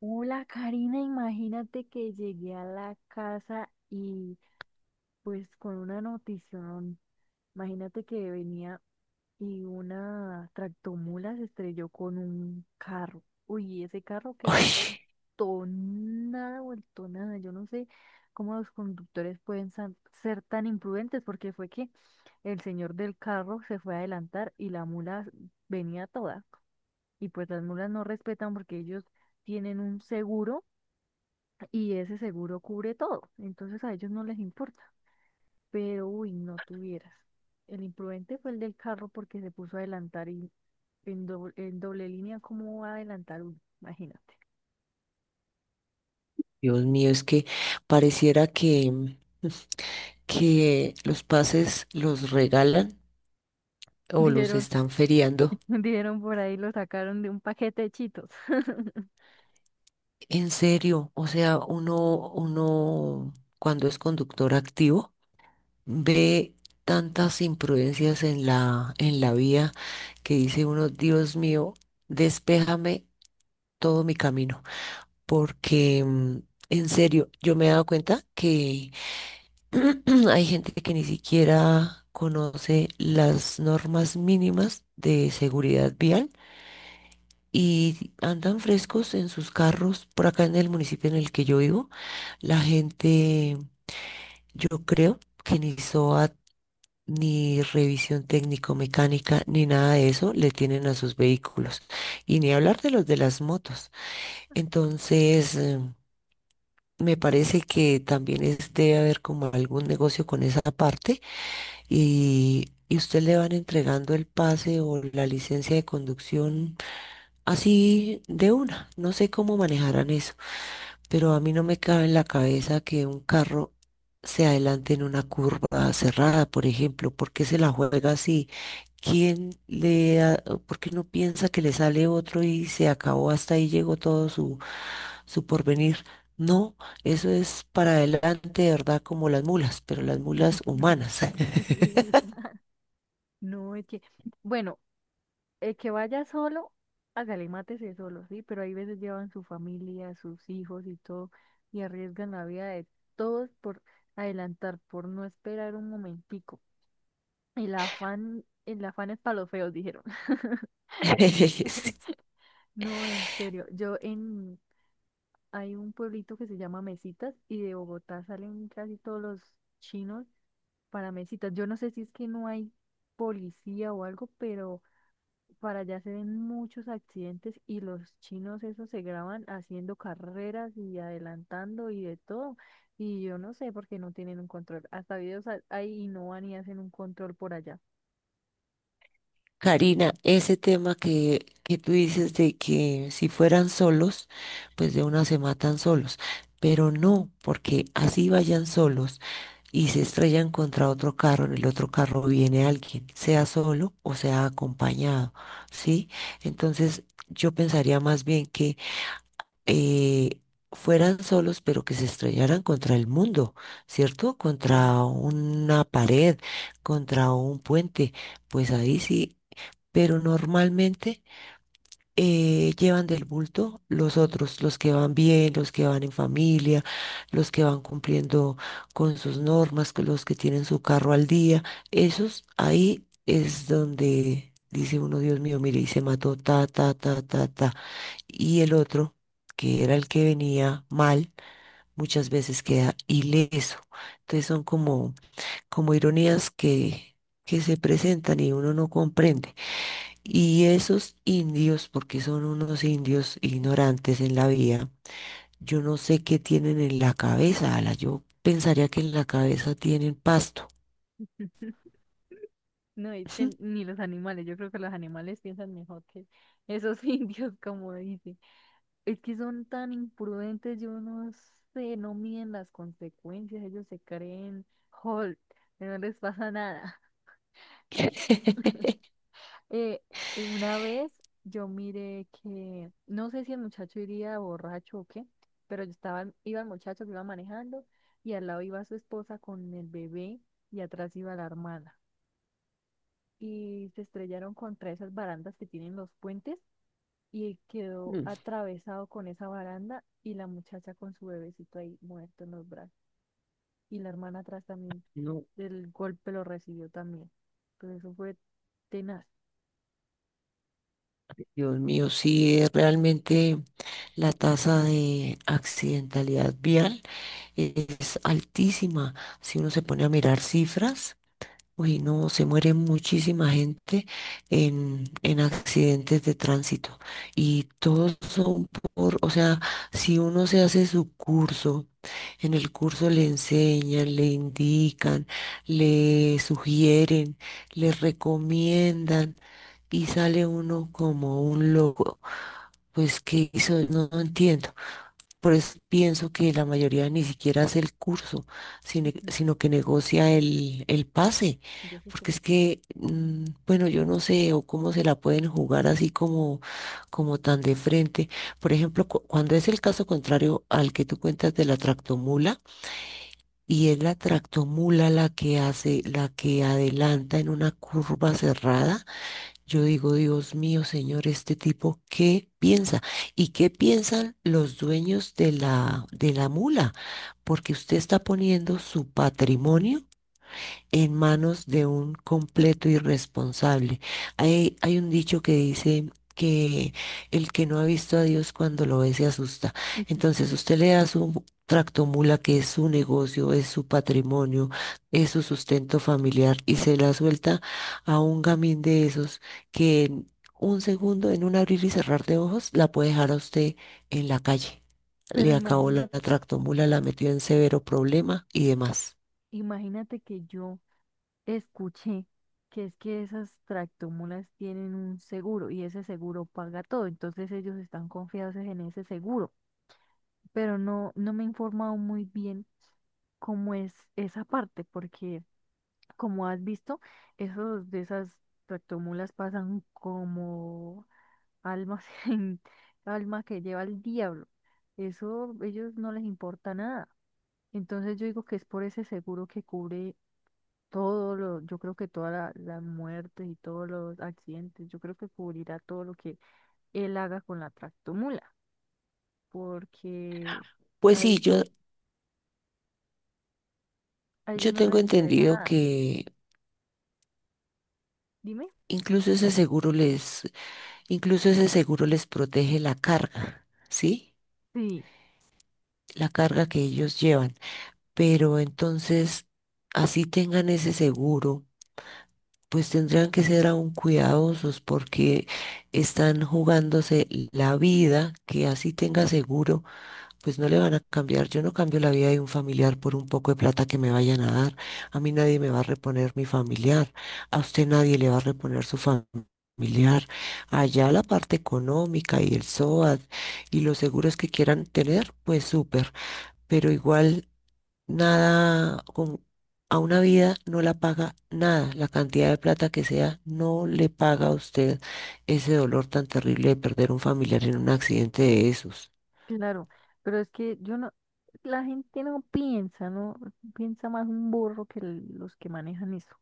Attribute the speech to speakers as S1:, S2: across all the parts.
S1: Hola, Karina, imagínate que llegué a la casa y pues con una notición, imagínate que venía y una tractomula se estrelló con un carro. Uy, ese carro quedó
S2: Ay,
S1: vuelto nada, vuelto nada. Yo no sé cómo los conductores pueden ser tan imprudentes porque fue que el señor del carro se fue a adelantar y la mula venía toda. Y pues las mulas no respetan porque ellos tienen un seguro y ese seguro cubre todo, entonces a ellos no les importa. Pero, uy, no tuvieras. El imprudente fue el del carro porque se puso a adelantar y en doble línea, ¿cómo va a adelantar uno? Imagínate.
S2: Dios mío, es que pareciera que los pases los regalan o los
S1: Dijeron,
S2: están feriando.
S1: dijeron por ahí, lo sacaron de un paquete de chitos.
S2: En serio, o sea, uno cuando es conductor activo ve tantas imprudencias en la vía que dice uno, Dios mío, despéjame todo mi camino, porque en serio, yo me he dado cuenta que hay gente que ni siquiera conoce las normas mínimas de seguridad vial y andan frescos en sus carros. Por acá en el municipio en el que yo vivo, la gente, yo creo que ni SOAT, ni revisión técnico-mecánica, ni nada de eso le tienen a sus vehículos. Y ni hablar de los de las motos. Entonces, me parece que también es, debe haber como algún negocio con esa parte y, usted le van entregando el pase o la licencia de conducción así de una. No sé cómo manejarán eso, pero a mí no me cabe en la cabeza que un carro se adelante en una curva cerrada, por ejemplo. ¿Por qué se la juega así? ¿Quién le, ha- ¿Por qué no piensa que le sale otro y se acabó, hasta ahí llegó todo su, porvenir? No, eso es para adelante, de verdad, como las mulas, pero las mulas humanas.
S1: No, es que, bueno, el que vaya solo, hágale, mátese solo, sí, pero hay veces llevan su familia, sus hijos y todo, y arriesgan la vida de todos por adelantar, por no esperar un momentico. El afán es para los feos, dijeron. No, en serio, hay un pueblito que se llama Mesitas y de Bogotá salen casi todos los chinos para Mesitas. Yo no sé si es que no hay policía o algo, pero para allá se ven muchos accidentes y los chinos esos se graban haciendo carreras y adelantando y de todo. Y yo no sé por qué no tienen un control. Hasta hay y no van y hacen un control por allá.
S2: Karina, ese tema que tú dices de que si fueran solos, pues de una se matan solos, pero no, porque así vayan solos y se estrellan contra otro carro, en el otro carro viene alguien, sea solo o sea acompañado, ¿sí? Entonces yo pensaría más bien que eh, fueran solos, pero que se estrellaran contra el mundo, ¿cierto?
S1: Bueno,
S2: Contra una pared, contra un puente, pues ahí sí, pero normalmente llevan del bulto los otros, los que van bien, los que van en familia, los que van cumpliendo con sus normas, con los que tienen su carro al día, esos ahí es donde... Dice uno, Dios mío, mire, y se mató, ta, ta, ta, ta, ta, y el otro, que era el que venía mal, muchas veces queda ileso. Entonces son como, ironías que se presentan y uno no comprende. Y esos indios, porque son unos indios ignorantes en la vía, yo no sé qué tienen en la cabeza, Ala. Yo pensaría que en la cabeza tienen pasto.
S1: no, es
S2: Ujú.
S1: que ni los animales, yo creo que los animales piensan mejor que esos indios, como dicen. Es que son tan imprudentes, yo no sé, no miden las consecuencias, ellos se creen Hulk, no les pasa nada. Eh, una vez yo miré que, no sé si el muchacho iría borracho o qué, pero yo estaba, iba el muchacho que iba manejando y al lado iba su esposa con el bebé y atrás iba la hermana. Y se estrellaron contra esas barandas que tienen los puentes y quedó
S2: Mm.
S1: atravesado con esa baranda y la muchacha con su bebecito ahí muerto en los brazos. Y la hermana atrás también,
S2: No,
S1: del golpe lo recibió también. Entonces eso fue tenaz.
S2: Dios mío, sí, es realmente la tasa de accidentalidad vial es altísima. Si uno se pone a mirar cifras, uy, no, se muere muchísima gente en accidentes de tránsito. Y todos son por, o sea, si uno se hace su curso, en el curso le enseñan, le indican, le sugieren, le recomiendan y sale uno como un loco. Pues, ¿qué hizo? No, no entiendo. Por eso pienso que la mayoría ni siquiera hace el curso, sino, sino que negocia el pase,
S1: Y yo se
S2: porque
S1: estresé.
S2: es que, bueno, yo no sé o cómo se la pueden jugar así como, tan de frente. Por ejemplo, cuando es el caso contrario al que tú cuentas de la tractomula, y es la tractomula la que hace, la que adelanta en una curva cerrada, yo digo, Dios mío, Señor, este tipo, ¿qué piensa? ¿Y qué piensan los dueños de la mula? Porque usted está poniendo su patrimonio en manos de un completo irresponsable. Hay un dicho que dice que el que no ha visto a Dios cuando lo ve se asusta. Entonces usted le da su tractomula que es su negocio, es su patrimonio, es su sustento familiar y se la suelta a un gamín de esos que en un segundo, en un abrir y cerrar de ojos, la puede dejar a usted en la calle.
S1: Pero
S2: Le acabó la
S1: imagínate,
S2: la tractomula, la metió en severo problema y demás.
S1: imagínate que yo escuché que es que esas tractomulas tienen un seguro y ese seguro paga todo, entonces ellos están confiados en ese seguro, pero no, no me he informado muy bien cómo es esa parte, porque como has visto, esos de esas tractomulas pasan como almas en alma que lleva el diablo. Eso ellos no les importa nada. Entonces yo digo que es por ese seguro que cubre todo lo, yo creo que todas las muertes y todos los accidentes, yo creo que cubrirá todo lo que él haga con la tractomula, porque a
S2: Pues
S1: pues
S2: sí,
S1: ellos, sí,
S2: yo
S1: yo, a ellos
S2: Yo
S1: no yo les
S2: tengo
S1: tengo que... interesa
S2: entendido
S1: nada.
S2: que
S1: Dime.
S2: incluso ese seguro les, incluso ese seguro les protege la carga, ¿sí?
S1: Sí,
S2: La carga que ellos llevan. Pero entonces, así tengan ese seguro, pues tendrán que ser aún cuidadosos porque están jugándose la vida, que así tenga seguro pues no le van a cambiar. Yo no cambio la vida de un familiar por un poco de plata que me vayan a dar. A mí nadie me va a reponer mi familiar. A usted nadie le va a reponer su familiar. Allá la parte económica y el SOAT y los seguros que quieran tener, pues súper. Pero igual nada con... A una vida no la paga nada, la cantidad de plata que sea, no le paga a usted ese dolor tan terrible de perder un familiar en un accidente de esos.
S1: claro, pero es que yo no, la gente no piensa, no piensa más un burro que los que manejan eso.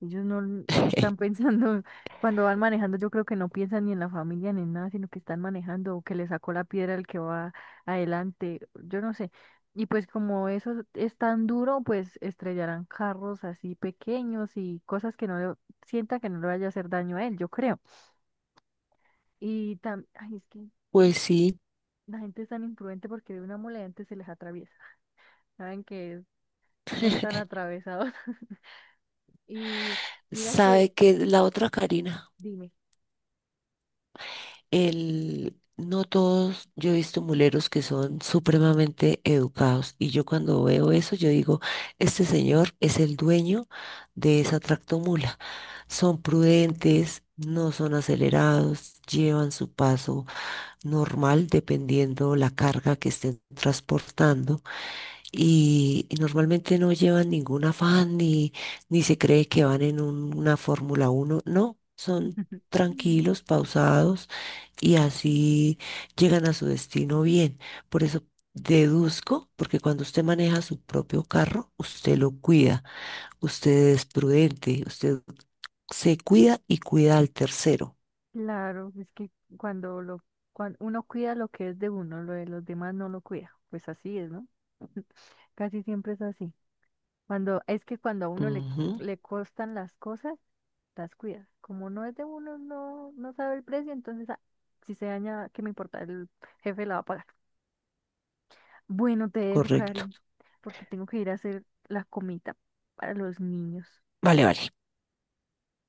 S1: Ellos no, no están pensando, cuando van manejando, yo creo que no piensan ni en la familia ni en nada, sino que están manejando o que le sacó la piedra el que va adelante, yo no sé. Y pues como eso es tan duro, pues estrellarán carros así pequeños y cosas que no le, sienta que no le vaya a hacer daño a él, yo creo. Y también, ay, es que
S2: Pues sí.
S1: la gente es tan imprudente porque de una mole antes se les atraviesa. Saben que son tan atravesados. Y mira que,
S2: Sabe que la otra, Karina,
S1: dime.
S2: no todos, yo he visto muleros que son supremamente educados y yo cuando veo eso, yo digo, este señor es el dueño de esa tractomula. Son prudentes, no son acelerados, llevan su paso normal dependiendo la carga que estén transportando y, normalmente no llevan ningún afán ni, se cree que van en una Fórmula uno. No, son tranquilos, pausados y así llegan a su destino bien. Por eso deduzco, porque cuando usted maneja su propio carro, usted lo cuida, usted es prudente, usted se cuida y cuida al tercero.
S1: Claro, es que cuando lo, cuando uno cuida lo que es de uno, lo de los demás no lo cuida. Pues así es, ¿no? Casi siempre es así. Cuando, es que cuando a uno
S2: Ujú,
S1: le costan las cosas, las cuida. Como no es de uno, no, no sabe el precio, entonces ah, si se daña, ¿qué me importa? El jefe la va a pagar. Bueno, te dejo,
S2: correcto.
S1: cariño, porque tengo que ir a hacer la comida para los niños.
S2: Vale, vale.